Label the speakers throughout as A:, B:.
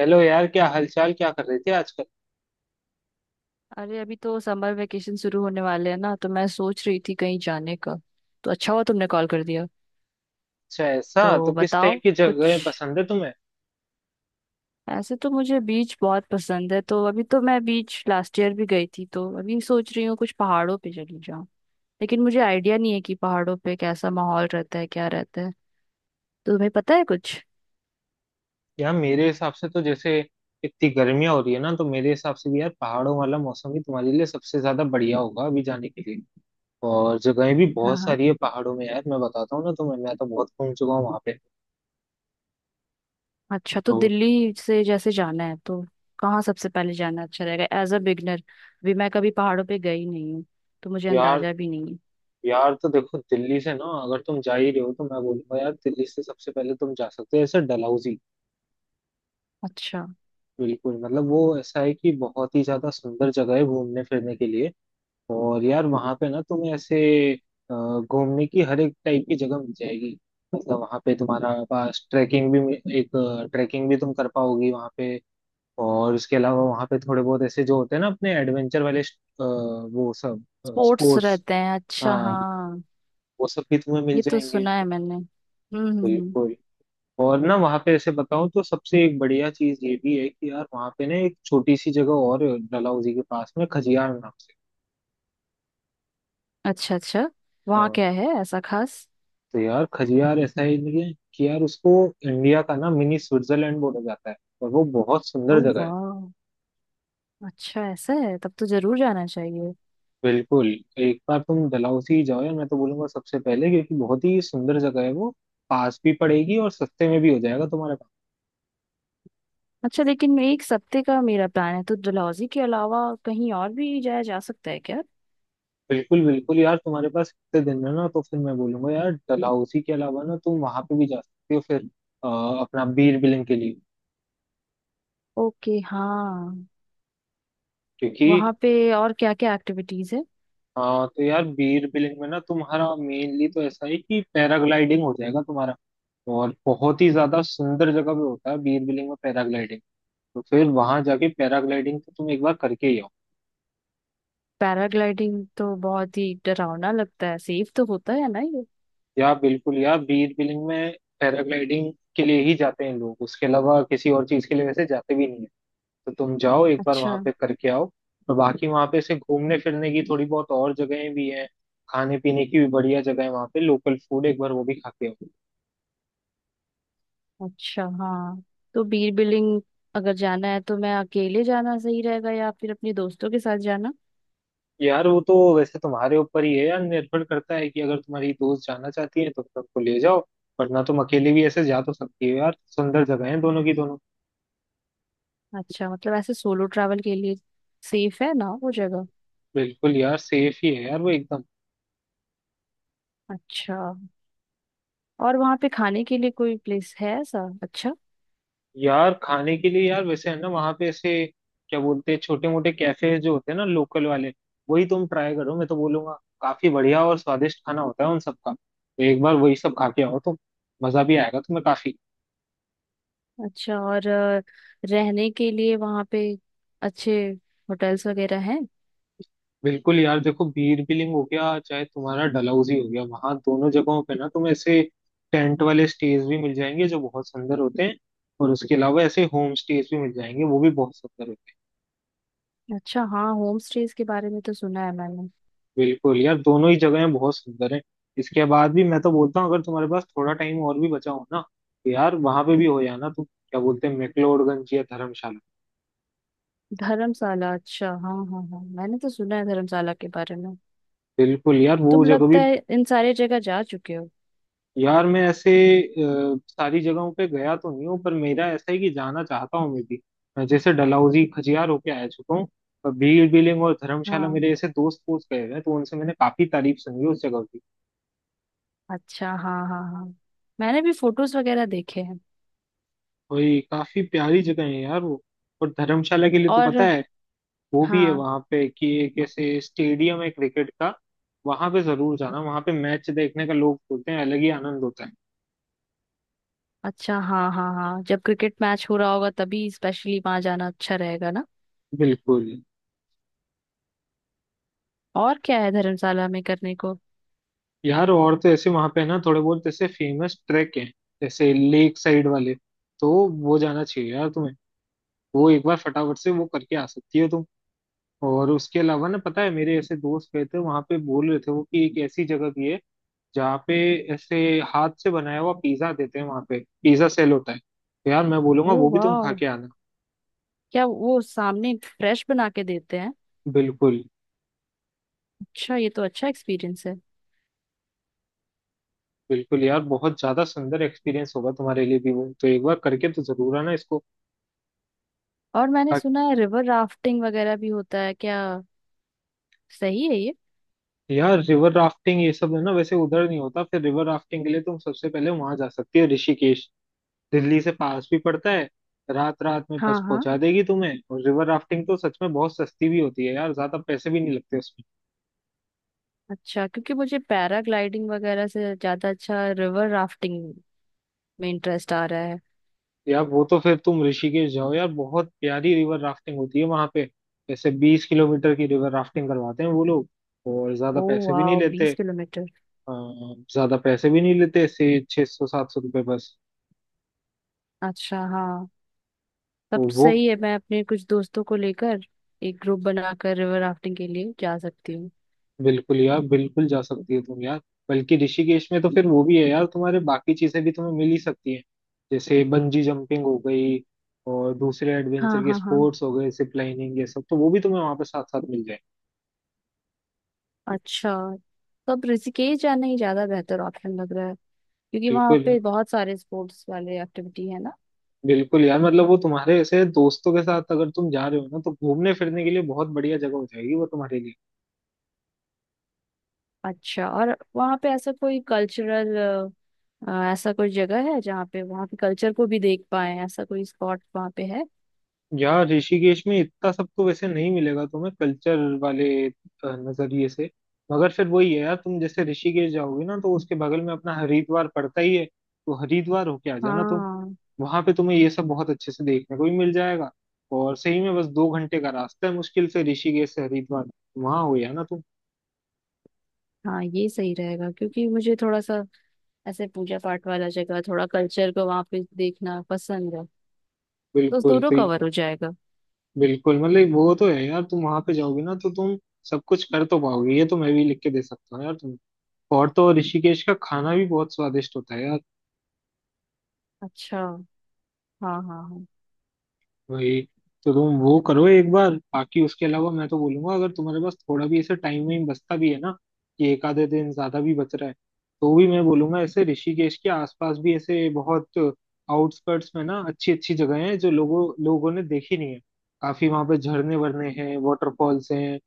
A: Hello यार, क्या हालचाल? क्या कर रही थी आजकल?
B: अरे अभी तो समर वेकेशन शुरू होने वाले हैं ना। तो मैं सोच रही थी कहीं जाने का, तो अच्छा हुआ तुमने कॉल कर दिया।
A: अच्छा, ऐसा तो
B: तो
A: किस टाइप
B: बताओ
A: की
B: कुछ।
A: जगह पसंद है तुम्हें?
B: ऐसे तो मुझे बीच बहुत पसंद है, तो अभी तो मैं बीच लास्ट ईयर भी गई थी, तो अभी सोच रही हूँ कुछ पहाड़ों पे चली जाऊँ। लेकिन मुझे आइडिया नहीं है कि पहाड़ों पे कैसा माहौल रहता है, क्या रहता है। तो तुम्हें पता है कुछ?
A: यार मेरे हिसाब से तो जैसे इतनी गर्मियां हो रही है ना, तो मेरे हिसाब से भी यार पहाड़ों वाला मौसम ही तुम्हारे लिए सबसे ज्यादा बढ़िया होगा अभी जाने के लिए। और जगहें भी
B: हाँ
A: बहुत
B: हाँ।
A: सारी है पहाड़ों में यार। मैं बताता हूँ ना तुम्हें, मैं तो बहुत घूम चुका हूँ वहां पे।
B: अच्छा, तो
A: तो
B: दिल्ली से जैसे जाना है तो कहाँ सबसे पहले जाना अच्छा रहेगा एज अ बिगनर? भी मैं कभी पहाड़ों पे गई नहीं हूँ, तो मुझे
A: यार
B: अंदाजा भी नहीं है।
A: यार तो देखो, दिल्ली से ना अगर तुम जा ही रहे हो तो मैं बोलूंगा यार, दिल्ली से सबसे पहले तुम जा सकते हो ऐसे डलहौजी।
B: अच्छा।
A: बिल्कुल, मतलब वो ऐसा है कि बहुत ही ज्यादा सुंदर जगह है घूमने फिरने के लिए। और यार वहां पे ना तुम्हें ऐसे अ, घूमने की हर एक टाइप की जगह मिल जाएगी। मतलब वहां पे तुम्हारा पास ट्रैकिंग भी, तुम कर पाओगी वहां पे। और उसके अलावा वहां पे थोड़े बहुत ऐसे जो होते हैं ना अपने एडवेंचर वाले वो सब
B: स्पोर्ट्स
A: स्पोर्ट्स,
B: रहते हैं, अच्छा
A: हाँ,
B: हाँ।
A: वो सब भी तुम्हें मिल
B: ये तो
A: जाएंगे।
B: सुना है मैंने।
A: बिल्कुल। और ना वहाँ पे ऐसे बताऊं तो सबसे एक बढ़िया चीज ये भी है कि यार वहाँ पे ना एक छोटी सी जगह और है, डलहौजी के पास में खजियार नाम
B: अच्छा अच्छा। वहाँ
A: से।
B: क्या है ऐसा खास?
A: तो यार, खजियार ऐसा ही नहीं है कि यार उसको इंडिया का ना मिनी स्विट्जरलैंड बोला जाता है, और वो बहुत
B: ओ
A: सुंदर जगह है।
B: वाह। अच्छा, ऐसा है तब तो जरूर जाना चाहिए।
A: बिल्कुल, एक बार तुम डलहौजी जाओ यार, मैं तो बोलूंगा सबसे पहले, क्योंकि बहुत ही सुंदर जगह है वो। पास भी पड़ेगी और सस्ते में भी हो जाएगा तुम्हारे पास।
B: अच्छा, लेकिन एक सप्ते का मेरा प्लान है, तो डलहौजी के अलावा कहीं और भी जाया जा सकता है क्या?
A: बिल्कुल बिल्कुल यार, तुम्हारे पास इतने दिन है ना तो फिर मैं बोलूंगा यार, डलहौजी के अलावा ना तुम वहां पे भी जा सकते हो फिर अ, अपना बीर बिलिंग के लिए।
B: ओके हाँ।
A: क्योंकि
B: वहाँ पे और क्या क्या एक्टिविटीज है?
A: तो यार बीर बिलिंग में ना तुम्हारा मेनली तो ऐसा है कि पैराग्लाइडिंग हो जाएगा तुम्हारा। और बहुत ही ज्यादा सुंदर जगह पे होता है बीरबिलिंग में पैराग्लाइडिंग। तो फिर वहां जाके पैराग्लाइडिंग तो तुम एक बार करके ही आओ।
B: पैराग्लाइडिंग तो बहुत ही डरावना लगता है, सेफ तो होता है ना ये?
A: या बिल्कुल यार, बीरबिलिंग में पैराग्लाइडिंग के लिए ही जाते हैं लोग, उसके अलावा किसी और चीज के लिए वैसे जाते भी नहीं है। तो तुम जाओ एक बार
B: अच्छा।
A: वहां पे करके आओ। और बाकी वहां पे ऐसे घूमने फिरने की थोड़ी बहुत और जगहें भी हैं। खाने पीने की भी बढ़िया जगह है वहां पे, लोकल फूड एक बार वो भी खा के आओ।
B: अच्छा हाँ। तो बीर बिलिंग अगर जाना है तो मैं अकेले जाना सही रहेगा या फिर अपने दोस्तों के साथ जाना?
A: यार वो तो वैसे तुम्हारे ऊपर ही है यार, निर्भर करता है कि अगर तुम्हारी दोस्त जाना चाहती है तो तुम उनको ले जाओ, वरना तुम अकेले भी ऐसे जा तो सकती हो यार। सुंदर जगह है दोनों की दोनों।
B: अच्छा, मतलब ऐसे सोलो ट्रैवल के लिए सेफ है ना वो जगह?
A: बिल्कुल यार, सेफ ही है यार वो एकदम।
B: अच्छा। और वहाँ पे खाने के लिए कोई प्लेस है ऐसा अच्छा?
A: यार खाने के लिए यार वैसे है ना वहां पे ऐसे, क्या बोलते हैं, छोटे मोटे कैफे जो होते हैं ना लोकल वाले, वही तुम ट्राई करो मैं तो बोलूंगा। काफी बढ़िया और स्वादिष्ट खाना होता है उन सबका, तो एक बार वही सब खा के आओ तुम, मजा भी आएगा तुम्हें काफी।
B: अच्छा और रहने के लिए वहाँ पे अच्छे होटल्स वगैरह हैं?
A: बिल्कुल यार, देखो बीर बिलिंग हो गया, चाहे तुम्हारा डलहौजी हो गया, वहां दोनों जगहों पे ना तुम्हें ऐसे टेंट वाले स्टेज भी मिल जाएंगे जो बहुत सुंदर होते हैं। और उसके अलावा ऐसे होम स्टेज भी मिल जाएंगे, वो भी बहुत सुंदर होते हैं।
B: अच्छा हाँ, होम स्टेज के बारे में तो सुना है मैंने।
A: बिल्कुल यार, दोनों ही जगहें बहुत सुंदर हैं। इसके बाद भी मैं तो बोलता हूँ, अगर तुम्हारे पास थोड़ा टाइम और भी बचा हो ना, तो यार वहां पे भी हो जाना तुम, क्या बोलते हैं, मैक्लोडगंज या धर्मशाला।
B: धर्मशाला, अच्छा हाँ हाँ हाँ, मैंने तो सुना है धर्मशाला के बारे में।
A: बिल्कुल यार, वो
B: तुम
A: जगह
B: लगता
A: भी।
B: है इन सारे जगह जा चुके हो?
A: यार मैं ऐसे सारी जगहों पे गया तो नहीं हूँ, पर मेरा ऐसा है कि जाना चाहता हूँ मैं भी। मैं जैसे डलहौजी खजियार होके आ चुका हूँ, पर भीड़ बिलिंग और धर्मशाला
B: हाँ।
A: मेरे ऐसे दोस्त दोस्त गए हुए हैं तो उनसे मैंने काफी तारीफ सुनी उस जगह की।
B: अच्छा हाँ हाँ हाँ। मैंने भी फोटोज वगैरह देखे हैं।
A: वही काफी प्यारी जगह है यार वो। और धर्मशाला के लिए तो पता
B: और?
A: है, वो भी है
B: हाँ।
A: वहां पे कि एक ऐसे स्टेडियम है क्रिकेट का, वहां पे जरूर जाना। वहां पे मैच देखने का लोग बोलते हैं अलग ही आनंद होता है।
B: अच्छा हाँ हाँ हाँ, जब क्रिकेट मैच हो रहा होगा तभी स्पेशली वहां जाना अच्छा रहेगा ना?
A: बिल्कुल
B: और क्या है धर्मशाला में करने को?
A: यार, और तो ऐसे वहां पे ना थोड़े बहुत ऐसे फेमस ट्रैक हैं, जैसे लेक साइड वाले, तो वो जाना चाहिए यार तुम्हें। वो एक बार फटाफट से वो करके आ सकती हो तुम। और उसके अलावा ना, पता है, मेरे ऐसे दोस्त गए थे वहां पे, बोल रहे थे वो कि एक ऐसी जगह भी है जहाँ पे ऐसे हाथ से बनाया हुआ पिज्जा देते हैं, वहां पे पिज्जा सेल होता है, तो यार मैं
B: ओ
A: बोलूंगा वो भी तुम
B: वाह,
A: खा के आना।
B: क्या वो सामने फ्रेश बना के देते हैं?
A: बिल्कुल
B: अच्छा, ये तो अच्छा एक्सपीरियंस है।
A: बिल्कुल यार, बहुत ज्यादा सुंदर एक्सपीरियंस होगा तुम्हारे लिए भी वो, तो एक बार करके तो जरूर आना इसको।
B: और मैंने सुना है रिवर राफ्टिंग वगैरह भी होता है क्या? सही है ये?
A: यार, रिवर राफ्टिंग ये सब है ना वैसे उधर नहीं होता, फिर रिवर राफ्टिंग के लिए तुम सबसे पहले वहां जा सकती हो ऋषिकेश। दिल्ली से पास भी पड़ता है, रात रात में बस
B: हाँ हाँ।
A: पहुंचा देगी तुम्हें। और रिवर राफ्टिंग तो सच में बहुत सस्ती भी होती है यार, ज्यादा पैसे भी नहीं लगते उसमें।
B: अच्छा, क्योंकि मुझे पैराग्लाइडिंग वगैरह से ज्यादा अच्छा रिवर राफ्टिंग में इंटरेस्ट आ रहा है।
A: यार वो तो फिर तुम ऋषिकेश जाओ यार, बहुत प्यारी रिवर राफ्टिंग होती है वहां पे। जैसे 20 किलोमीटर की रिवर राफ्टिंग करवाते हैं वो लोग, और ज्यादा
B: ओ
A: पैसे भी नहीं
B: वाह,
A: लेते।
B: 20 किलोमीटर।
A: अ, से 600-700 रुपये बस।
B: अच्छा हाँ,
A: तो
B: तब तो
A: वो
B: सही है। मैं अपने कुछ दोस्तों को लेकर एक ग्रुप बनाकर रिवर राफ्टिंग के लिए जा सकती हूँ।
A: बिल्कुल यार, बिल्कुल जा सकती है तुम यार। बल्कि ऋषिकेश में तो फिर वो भी है यार, तुम्हारे बाकी चीजें भी तुम्हें मिल ही सकती हैं, जैसे बंजी जंपिंग हो गई और दूसरे
B: हाँ
A: एडवेंचर के
B: हाँ हाँ।
A: स्पोर्ट्स हो गए, जिप लाइनिंग, ये सब तो वो भी तुम्हें वहां पे साथ साथ मिल जाए।
B: अच्छा, तब ऋषिकेश जाना ही ज्यादा बेहतर ऑप्शन लग रहा है, क्योंकि वहाँ
A: बिल्कुल
B: पे बहुत सारे स्पोर्ट्स वाले एक्टिविटी है ना।
A: बिल्कुल यार, मतलब वो तुम्हारे ऐसे दोस्तों के साथ अगर तुम जा रहे हो ना, तो घूमने फिरने के लिए बहुत बढ़िया जगह हो जाएगी वो तुम्हारे लिए।
B: अच्छा, और वहाँ पे ऐसा कोई कल्चरल, ऐसा कोई जगह है जहाँ पे वहाँ के कल्चर को भी देख पाए, ऐसा कोई स्पॉट वहाँ पे है?
A: यार ऋषिकेश में इतना सबको वैसे नहीं मिलेगा तुम्हें कल्चर वाले नजरिए से। मगर फिर वही है यार, तुम जैसे ऋषिकेश जाओगे ना तो उसके बगल में अपना हरिद्वार पड़ता ही है, तो हरिद्वार होके आ जाना तुम।
B: हाँ
A: वहां पे तुम्हें ये सब बहुत अच्छे से देखने को भी मिल जाएगा। और सही में बस 2 घंटे का रास्ता है मुश्किल से ऋषिकेश से हरिद्वार, वहां हो या ना तुम।
B: हाँ, ये सही रहेगा, क्योंकि मुझे थोड़ा सा ऐसे पूजा पाठ वाला जगह, थोड़ा कल्चर को वहां पे देखना पसंद है। तो उस
A: बिल्कुल,
B: दोनों
A: तो
B: कवर हो जाएगा।
A: बिल्कुल मतलब वो तो है यार, तुम वहां पे जाओगे ना तो तुम सब कुछ कर तो पाओगे, ये तो मैं भी लिख के दे सकता हूँ यार तुम। और तो और ऋषिकेश का खाना भी बहुत स्वादिष्ट होता है यार।
B: अच्छा हाँ हाँ हाँ।
A: वही, तो तुम वो करो एक बार। बाकी उसके अलावा मैं तो बोलूंगा, अगर तुम्हारे पास थोड़ा भी ऐसे टाइम वाइम बचता भी है ना, कि एक आधे दिन ज्यादा भी बच रहा है, तो भी मैं बोलूंगा ऐसे ऋषिकेश के आसपास भी ऐसे बहुत आउटस्कर्ट्स में ना अच्छी अच्छी जगह हैं जो लोगों लोगों ने देखी नहीं है। काफी वहां पे झरने वरने हैं, वाटरफॉल्स हैं।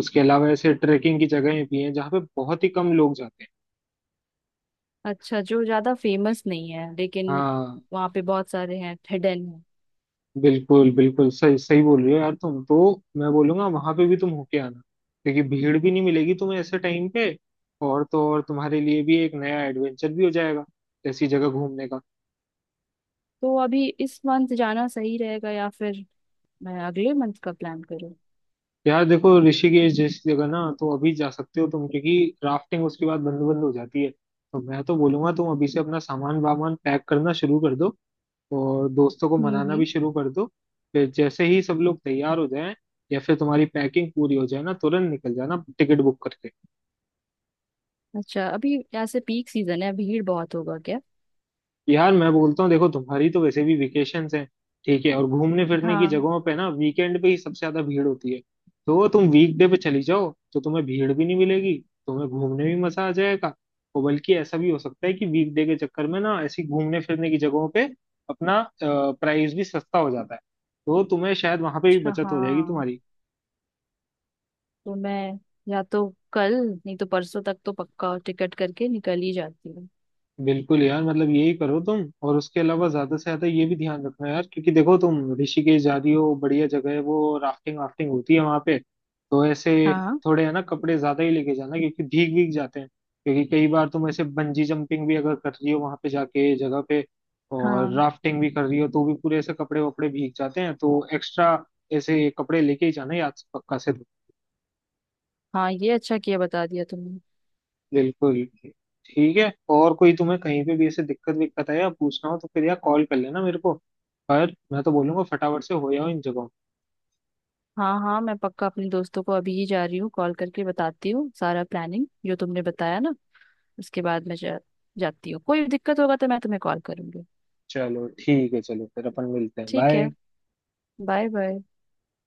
A: उसके अलावा ऐसे ट्रेकिंग की जगहें भी हैं जहाँ पे बहुत ही कम लोग जाते हैं।
B: अच्छा, जो ज्यादा फेमस नहीं है लेकिन
A: हाँ,
B: वहाँ पे बहुत सारे हैं, हिडन है।
A: बिल्कुल बिल्कुल, सही सही बोल रही हो यार तुम तो। मैं बोलूंगा वहां पे भी तुम होके आना, क्योंकि भीड़ भी नहीं मिलेगी तुम्हें ऐसे टाइम पे, और तो और तुम्हारे लिए भी एक नया एडवेंचर भी हो जाएगा ऐसी जगह घूमने का।
B: तो अभी इस मंथ जाना सही रहेगा या फिर मैं अगले मंथ का प्लान करूँ?
A: यार देखो, ऋषिकेश जैसी जगह ना तो अभी जा सकते हो तुम, क्योंकि राफ्टिंग उसके बाद बंद बंद हो जाती है। तो मैं तो बोलूंगा तुम अभी से अपना सामान वामान पैक करना शुरू कर दो, और दोस्तों को मनाना भी
B: हम्म।
A: शुरू कर दो। फिर जैसे ही सब लोग तैयार हो जाएं, या फिर तुम्हारी पैकिंग पूरी हो जाए ना, तुरंत निकल जाना टिकट बुक करके।
B: अच्छा, अभी ऐसे पीक सीजन है, भीड़ बहुत होगा क्या?
A: यार मैं बोलता हूँ, देखो तुम्हारी तो वैसे भी वेकेशंस हैं ठीक है, और घूमने फिरने की
B: हाँ।
A: जगहों पे ना वीकेंड पे ही सबसे ज्यादा भीड़ होती है। तो तुम वीकडे पे चली जाओ तो तुम्हें भीड़ भी नहीं मिलेगी, तुम्हें घूमने भी मजा आ जाएगा। और बल्कि ऐसा भी हो सकता है कि वीकडे के चक्कर में ना ऐसी घूमने फिरने की जगहों पे अपना प्राइस भी सस्ता हो जाता है, तो तुम्हें शायद वहां पे भी
B: अच्छा
A: बचत हो जाएगी
B: हाँ।
A: तुम्हारी।
B: तो मैं या तो कल, नहीं तो परसों तक तो पक्का टिकट करके निकल ही जाती हूँ।
A: बिल्कुल यार, मतलब यही करो तुम। और उसके अलावा ज्यादा से ज्यादा ये भी ध्यान रखना यार, क्योंकि देखो तुम ऋषिकेश जा रही हो, बढ़िया जगह है वो, राफ्टिंग वाफ्टिंग होती है वहां पे, तो ऐसे
B: हाँ
A: थोड़े है ना कपड़े ज्यादा ही लेके जाना क्योंकि भीग भीग जाते हैं। क्योंकि कई बार तुम ऐसे बंजी जंपिंग भी अगर कर रही हो वहां पे जाके जगह पे, और
B: हाँ
A: राफ्टिंग भी कर रही हो, तो भी पूरे ऐसे कपड़े वपड़े भीग जाते हैं, तो एक्स्ट्रा ऐसे कपड़े लेके ही जाना याद से पक्का से।
B: हाँ, ये अच्छा किया बता दिया तुमने।
A: बिल्कुल। ठीक है, और कोई तुम्हें कहीं पे भी ऐसे दिक्कत विक्कत है या पूछना हो तो फिर यार कॉल कर लेना मेरे को। पर मैं तो बोलूंगा फटाफट से हो जाओ इन जगहों।
B: हाँ हाँ, मैं पक्का अपने दोस्तों को अभी ही जा रही हूँ कॉल करके बताती हूँ सारा प्लानिंग जो तुमने बताया ना, उसके बाद मैं जाती हूँ। कोई दिक्कत होगा तो मैं तुम्हें कॉल करूंगी।
A: चलो ठीक है, चलो फिर अपन मिलते हैं,
B: ठीक है,
A: बाय।
B: Bye bye.